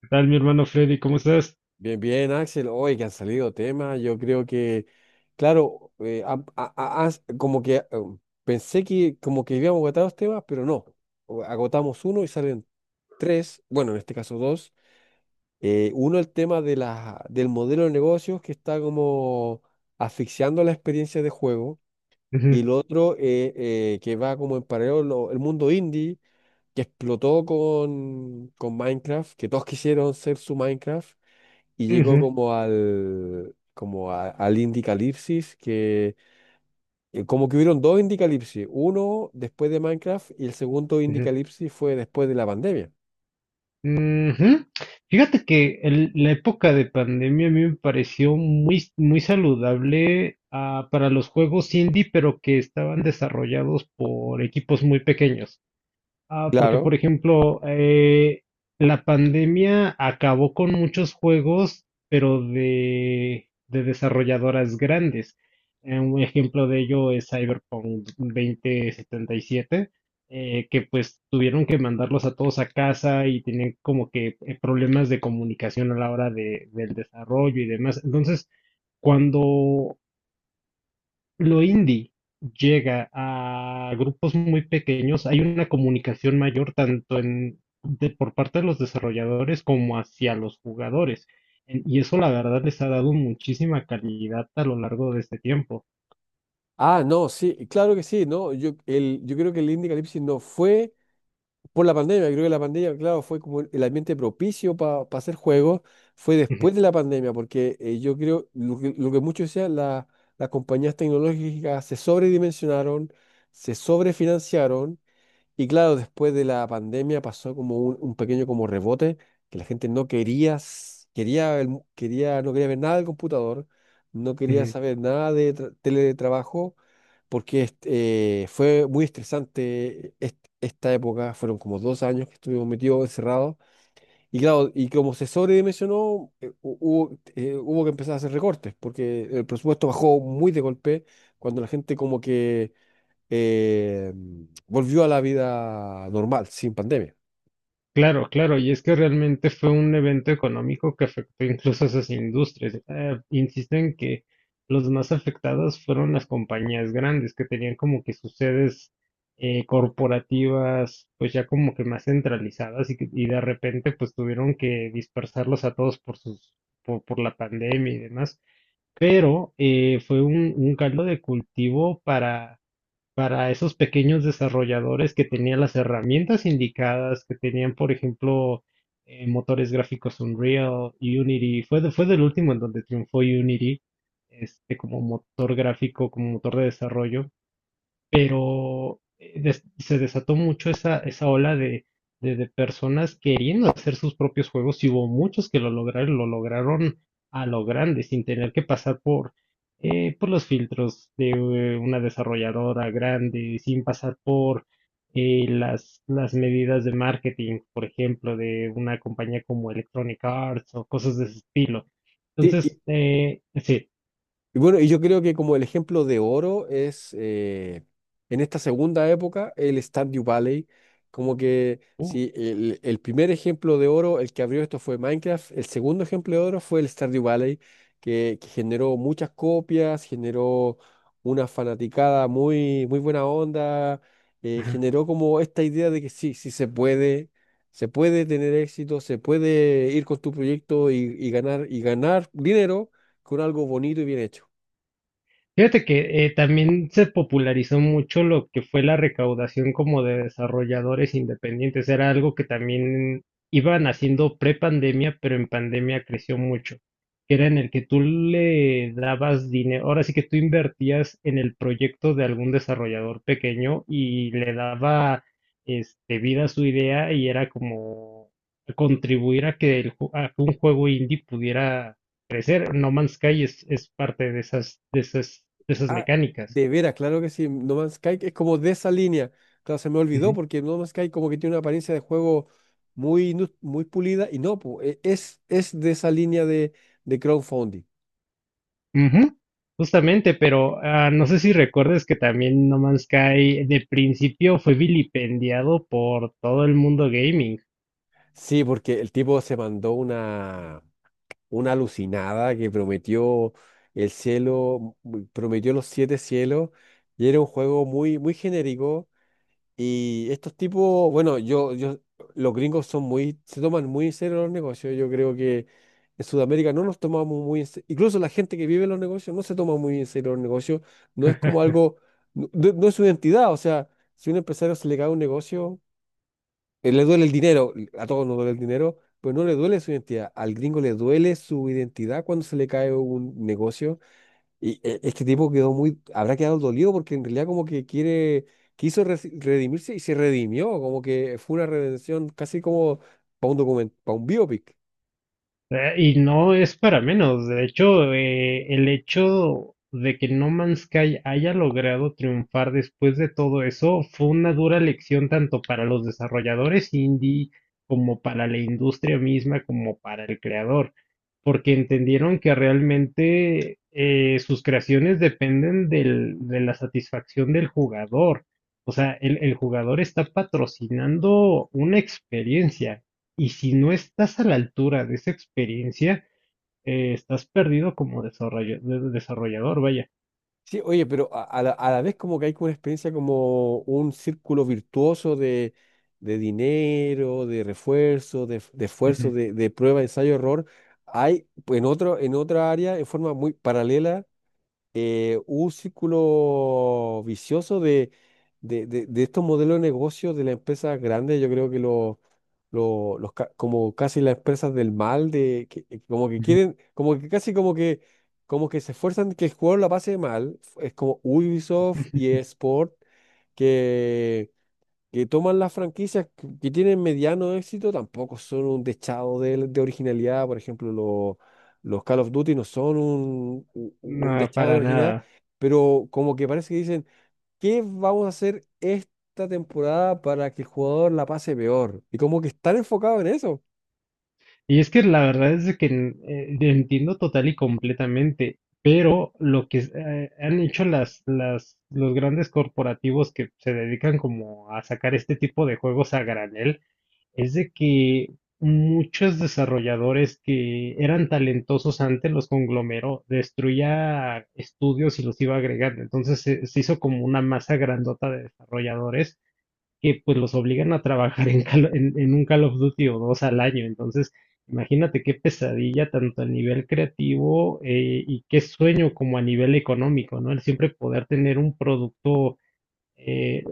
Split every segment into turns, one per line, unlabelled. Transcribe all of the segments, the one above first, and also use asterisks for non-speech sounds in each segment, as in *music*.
¿Qué tal, mi hermano Freddy? ¿Cómo estás?
Bien, bien, Axel. Hoy que han salido temas. Yo creo que, claro, como que pensé que como que habíamos agotado los temas, pero no. Agotamos uno y salen tres, bueno, en este caso dos. Uno, el tema de la, del modelo de negocios que está como asfixiando la experiencia de juego. Y
Ujú,
el otro, que va como en paralelo, el mundo indie, que explotó con, Minecraft, que todos *laughs* quisieron ser su Minecraft y llegó
ujú,
como al, al Indicalipsis, que como que hubieron dos Indicalipsis, uno después de Minecraft y el segundo
ujú,
Indicalipsis fue después de la pandemia.
ujú. Fíjate que la época de pandemia a mí me pareció muy, muy saludable para los juegos indie, pero que estaban desarrollados por equipos muy pequeños. Ah, porque por
Claro.
ejemplo, la pandemia acabó con muchos juegos, pero de desarrolladoras grandes. Un ejemplo de ello es Cyberpunk 2077, que pues tuvieron que mandarlos a todos a casa y tenían como que problemas de comunicación a la hora del desarrollo y demás. Entonces, cuando lo indie llega a grupos muy pequeños, hay una comunicación mayor tanto por parte de los desarrolladores como hacia los jugadores. Y eso la verdad les ha dado muchísima calidad a lo largo de este tiempo.
Ah, no, sí, claro que sí, no, yo creo que el Indicalipsis no fue por la pandemia. Creo que la pandemia, claro, fue como el ambiente propicio para hacer juegos, fue después de la
*laughs*
pandemia, porque yo creo lo que, muchos decían, las compañías tecnológicas se sobredimensionaron, se sobrefinanciaron. Y claro, después de la pandemia pasó como un pequeño como rebote, que la gente no quería, s- quería, el mu- quería, no quería ver nada del computador, no quería saber nada de teletrabajo, porque este, fue muy estresante esta época. Fueron como dos años que estuvimos metidos encerrados. Y claro, y como se sobredimensionó, hubo que empezar a hacer recortes, porque el presupuesto bajó muy de golpe, cuando la gente como que eh, volvió a la vida normal, sin pandemia.
Claro, claro, y es que realmente fue un evento económico que afectó incluso a esas industrias. Insisto en que los más afectados fueron las compañías grandes que tenían como que sus sedes corporativas pues ya como que más centralizadas y de repente pues tuvieron que dispersarlos a todos por la pandemia y demás. Pero fue un caldo de cultivo para esos pequeños desarrolladores que tenían las herramientas indicadas, que tenían, por ejemplo, motores gráficos Unreal, Unity, fue del último en donde triunfó Unity, como motor gráfico, como motor de desarrollo, pero se desató mucho esa ola de personas queriendo hacer sus propios juegos, y hubo muchos que lo lograron a lo grande, sin tener que pasar por los filtros de una desarrolladora grande, sin pasar por las medidas de marketing, por ejemplo, de una compañía como Electronic Arts o cosas de ese estilo.
Sí,
Entonces, sí.
y bueno, y yo creo que como el ejemplo de oro es, en esta segunda época, el Stardew Valley. Como que
uh,
si el primer ejemplo de oro, el que abrió esto fue Minecraft, el segundo ejemplo de oro fue el Stardew Valley, que generó muchas copias, generó una fanaticada muy, muy buena onda. Generó como esta idea de que sí, sí se puede tener éxito, se puede ir con tu proyecto y, ganar dinero con algo bonito y bien hecho.
Fíjate que también se popularizó mucho lo que fue la recaudación como de desarrolladores independientes. Era algo que también iban haciendo pre-pandemia, pero en pandemia creció mucho. Que era en el que tú le dabas dinero. Ahora sí que tú invertías en el proyecto de algún desarrollador pequeño y le daba vida a su idea, y era como contribuir a que un juego indie pudiera parecer No Man's Sky, es parte de esas,
Ah,
mecánicas.
de veras, claro que sí. No Man's Sky es como de esa línea. Claro, se me olvidó
Ujú.
porque No Man's Sky como que tiene una apariencia de juego muy pulida y no, es de esa línea de, crowdfunding.
Ujú. Justamente, pero no sé si recuerdes que también No Man's Sky de principio fue vilipendiado por todo el mundo gaming.
Sí, porque el tipo se mandó una, alucinada que prometió el cielo, prometió los siete cielos y era un juego muy, muy genérico. Y estos tipos, bueno, los gringos son muy, se toman muy en serio los negocios. Yo creo que en Sudamérica no nos tomamos muy en serio. Incluso la gente que vive en los negocios no se toma muy en serio los negocios. No es como algo, no, no es su identidad. O sea, si a un empresario se le cae un negocio, le duele el dinero, a todos nos duele el dinero, pero no le duele su identidad. Al gringo le duele su identidad cuando se le cae un negocio. Y este tipo quedó muy, habrá quedado dolido porque en realidad como que quiere, quiso redimirse, y se redimió. Como que fue una redención casi como para un biopic.
Y no es para menos. De hecho, el hecho de que No Man's Sky haya logrado triunfar después de todo eso fue una dura lección tanto para los desarrolladores indie como para la industria misma, como para el creador, porque entendieron que realmente sus creaciones dependen de la satisfacción del jugador. O sea, el jugador está patrocinando una experiencia. Y si no estás a la altura de esa experiencia, estás perdido como desarrollador, vaya.
Sí, oye, pero a la vez como que hay como una experiencia como un círculo virtuoso de dinero, de refuerzo, de esfuerzo,
Ujú,
de prueba, ensayo, error. Hay pues, en otra área, en forma muy paralela, un círculo vicioso de, de estos modelos de negocio de las empresas grandes. Yo creo que como casi las empresas del mal, de, que como que
ujú,
quieren, como que casi como que se esfuerzan que el jugador la pase mal. Es como Ubisoft y
*laughs* ujú.
eSport, que toman las franquicias que tienen mediano éxito, tampoco son un dechado de originalidad. Por ejemplo, los Call of Duty no son un
No,
dechado de
para
originalidad,
nada.
pero como que parece que dicen, ¿qué vamos a hacer esta temporada para que el jugador la pase peor? Y como que están enfocados en eso.
Y es que la verdad es de que entiendo total y completamente, pero lo que han hecho los grandes corporativos que se dedican como a sacar este tipo de juegos a granel, es de que muchos desarrolladores que eran talentosos antes los conglomeró, destruía estudios y los iba agregando. Entonces se hizo como una masa grandota de desarrolladores que pues los obligan a trabajar *laughs* en un Call of Duty o dos al año. Entonces, imagínate qué pesadilla tanto a nivel creativo, y qué sueño como a nivel económico, ¿no? El siempre poder tener un producto eh,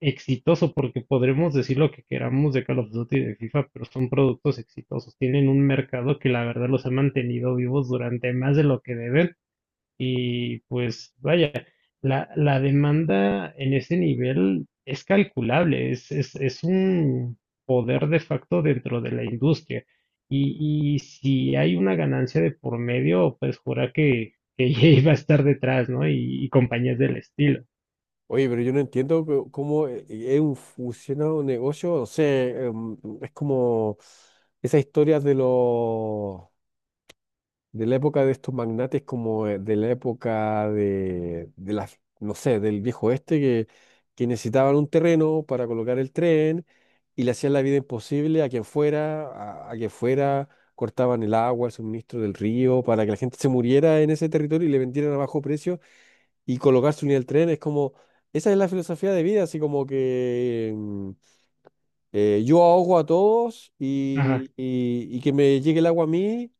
exitoso, porque podremos decir lo que queramos de Call of Duty y de FIFA, pero son productos exitosos. Tienen un mercado que la verdad los ha mantenido vivos durante más de lo que deben. Y pues vaya, la demanda en ese nivel es calculable, es un poder de facto dentro de la industria. Y si hay una ganancia de por medio, pues jura que, *laughs* EA va a estar detrás, ¿no? Y compañías del estilo.
Oye, pero yo no entiendo cómo, funciona un negocio, no sé, em, es como esas historias de los, de la época de estos magnates, como, de la época de, no sé, del viejo oeste, que necesitaban un terreno para colocar el tren y le hacían la vida imposible a quien fuera, a quien fuera, cortaban el agua, el suministro del río, para que la gente se muriera en ese territorio y le vendieran a bajo precio y colocar su unidad del tren. Es como, esa es la filosofía de vida, así como que mm, yo ahogo a todos
Ajá.
y, y que me llegue el agua a mí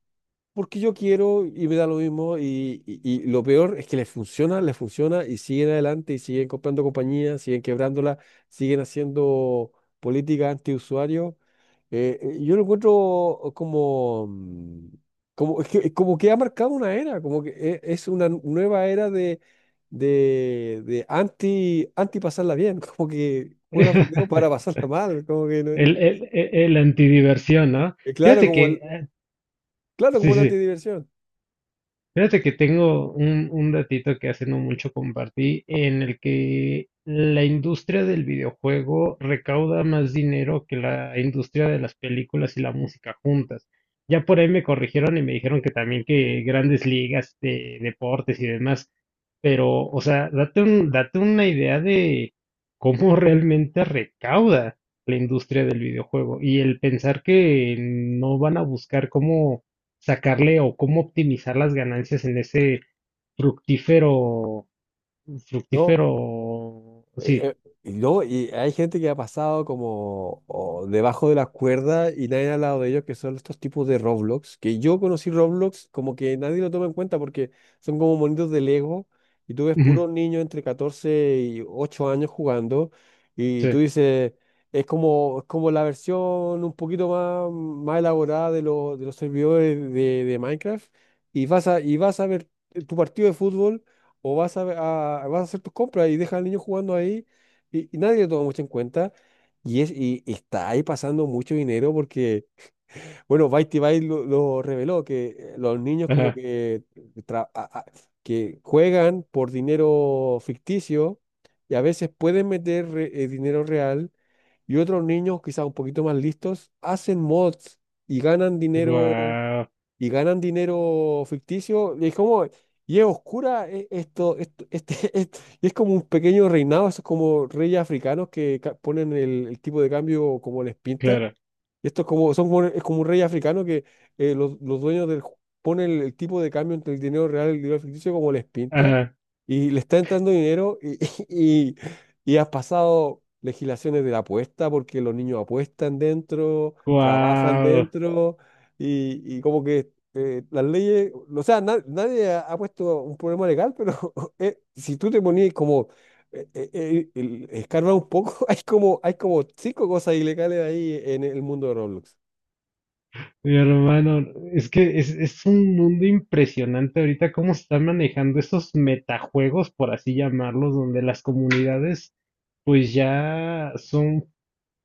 porque yo quiero y me da lo mismo y, y lo peor es que les funciona y siguen adelante y siguen comprando compañías, siguen quebrándola, siguen haciendo política antiusuario. Yo lo encuentro como, mm, como, es que, es como que ha marcado una era, como que es una nueva era de, de anti, anti pasarla bien, *laughs* como que juega video para
*laughs*
pasarla mal, como que
El antidiversión, ¿no?
claro,
Fíjate
como
que,
claro,
sí, sí,
como la
sí.
antidiversión,
Fíjate que tengo un datito que hace no mucho compartí en el que la industria del videojuego recauda más dinero que la industria de las películas y la música juntas. Ya por ahí me corrigieron y me dijeron que también que grandes ligas de deportes y demás. Pero, o sea, date una idea de cómo *laughs* realmente recauda la industria del videojuego, y el pensar que no van a buscar cómo sacarle o cómo optimizar las ganancias en ese fructífero,
¿no?
fructífero, sí,
Y no, y hay gente que ha pasado como o debajo de las cuerdas y nadie ha hablado de ellos, que son estos tipos de Roblox, que yo conocí Roblox como que nadie lo toma en cuenta porque son como monitos de Lego y tú ves
ujú,
puros niños entre 14 y 8 años jugando y tú
sí,
dices, es como la versión un poquito más, más elaborada de los servidores de, Minecraft, y vas a, ver tu partido de fútbol o vas a, vas a hacer tus compras y dejas al niño jugando ahí y nadie le toma mucho en cuenta. Y está ahí pasando mucho dinero porque, bueno, Byte Byte lo reveló, que los niños como
ajá,
que, tra- a- a- que juegan por dinero ficticio y a veces pueden meter dinero real, y otros niños, quizás un poquito más listos, hacen mods y ganan dinero
guau,
y ganan dinero ficticio. Y es como, y es oscura esto, *laughs* y es como un pequeño reinado, esos como reyes africanos que ponen el tipo de cambio como les pinta.
claro,
Y esto es como, es como un rey africano que, los dueños ponen el tipo de cambio entre el dinero real y el dinero ficticio como les pinta,
ajá,
y le está entrando dinero y, *laughs* y, y has pasado legislaciones de la apuesta porque los niños apuestan dentro, trabajan
guau,
dentro, y, como que las leyes, o sea, nadie ha, puesto un problema legal. Pero *laughs* si tú te ponías como, escarba un poco, *laughs* hay como cinco cosas ilegales ahí en el mundo de Roblox.
mi hermano, es que es, un mundo impresionante ahorita cómo se están manejando esos metajuegos, por así llamarlos, donde las comunidades pues ya son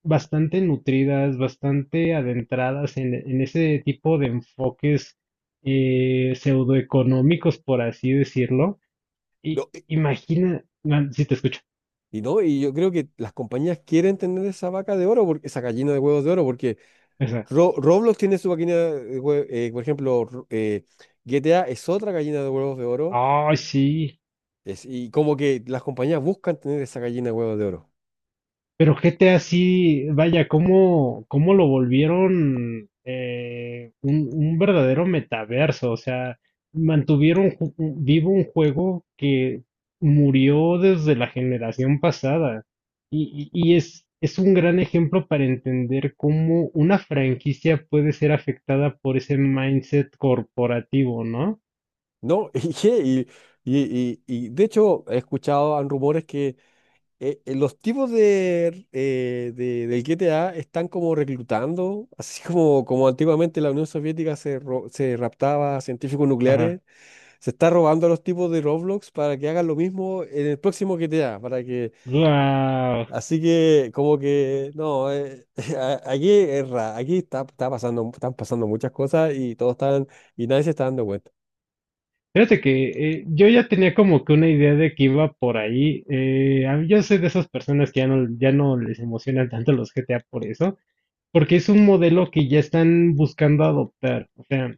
bastante nutridas, bastante adentradas en ese tipo de enfoques pseudoeconómicos, por así decirlo. Y
No,
imagina, no, si te escucho,
no, y yo creo que las compañías quieren tener esa vaca de oro, porque esa gallina de huevos de oro, porque
o sea,
Roblox tiene su gallina por ejemplo, GTA es otra gallina de huevos de oro.
ay, sí.
Es, y como que las compañías buscan tener esa gallina de huevos de oro.
Pero GTA sí, vaya, cómo, cómo lo volvieron un verdadero metaverso. O sea, mantuvieron vivo un juego que murió desde la generación pasada. Y es un gran ejemplo para entender cómo una franquicia puede ser afectada por ese mindset corporativo, ¿no?
¿No? *laughs* ¿Y qué? Y, de hecho he escuchado han rumores que, los tipos del G T A están como reclutando, así como, como antiguamente la Unión Soviética se, se raptaba a científicos
Ajá.
nucleares. Se está robando a los tipos de Roblox para que hagan lo mismo en el próximo GTA, para que,
¡Guau!
así que como que, no, *laughs* aquí está, está pasando, están pasando muchas cosas y todos están, y nadie se está dando cuenta.
Fíjate que yo ya tenía como que una idea de que iba por ahí. Yo soy de esas personas que ya no les emocionan tanto los GTA por eso, porque es un modelo que ya están buscando adoptar. O sea,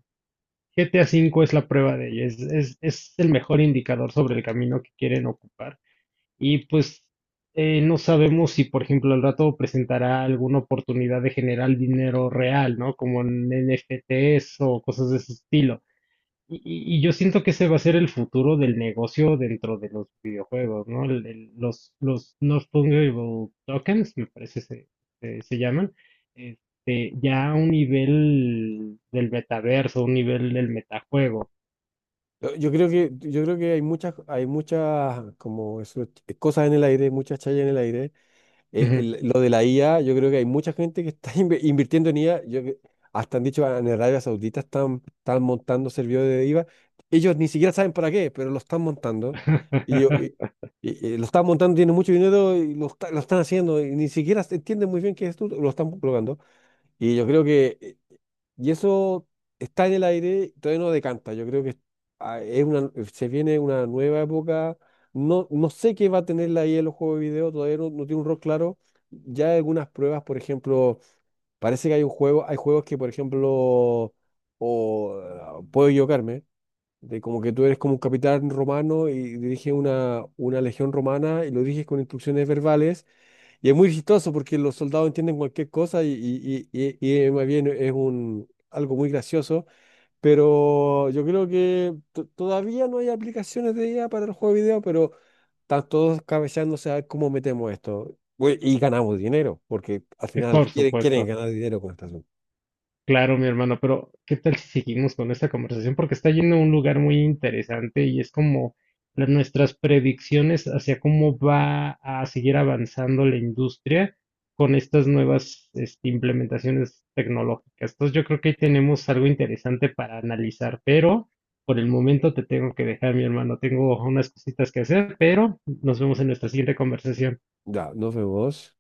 GTA V es la prueba de ello, es el mejor indicador sobre el camino que quieren ocupar. Y pues no sabemos si, por ejemplo, el rato presentará alguna oportunidad de generar dinero real, ¿no? Como en NFTs o cosas de ese estilo. Y yo siento que ese va a ser el futuro del negocio dentro de los videojuegos, ¿no? Los non-fungible tokens, me parece se llaman, ya a un nivel del metaverso, un nivel del metajuego.
Yo creo que, yo creo que hay muchas como eso, cosas en el aire, muchas chayas en el aire.
Ujú.
Lo de la IA, yo creo que hay mucha gente que está *laughs* invirtiendo en IA. Hasta han dicho en Arabia Saudita están, montando servidores de IVA. Ellos ni siquiera saben para qué, pero lo están montando. Y, yo- y-
*laughs*
y lo están montando, tienen mucho dinero y lo están haciendo. Y ni siquiera se entienden muy bien qué es esto, lo están colocando. Y yo creo que, eso está en el aire, todavía no decanta. Yo creo que, ah, es una, se viene una nueva época. No, no sé qué va a tener la IA en los juegos de video, todavía no tiene un rol claro. Ya hay algunas pruebas, por ejemplo, parece que hay un juego, hay juegos que, por ejemplo, o ah, puedo equivocarme, de como que tú eres como un capitán romano y diriges una, legión romana y lo diriges con instrucciones verbales, y es muy chistoso porque los soldados entienden cualquier cosa y, más bien es algo muy gracioso, pero yo creo que todavía no hay aplicaciones de IA para el juego de video, pero están todos cabeceándose a ver cómo metemos esto, güey, y ganamos dinero, porque al final
Por
quieren,
supuesto.
ganar dinero con esta.
Claro, mi hermano, pero ¿qué tal si seguimos con esta conversación? Porque está yendo a un lugar muy interesante y es como nuestras predicciones hacia cómo va a seguir avanzando la industria con estas nuevas implementaciones tecnológicas. Entonces yo creo que ahí tenemos algo interesante para analizar, pero por el momento te tengo que dejar, mi hermano. Tengo unas cositas que hacer, pero nos vemos en nuestra siguiente conversación.
Ya, nos vemos.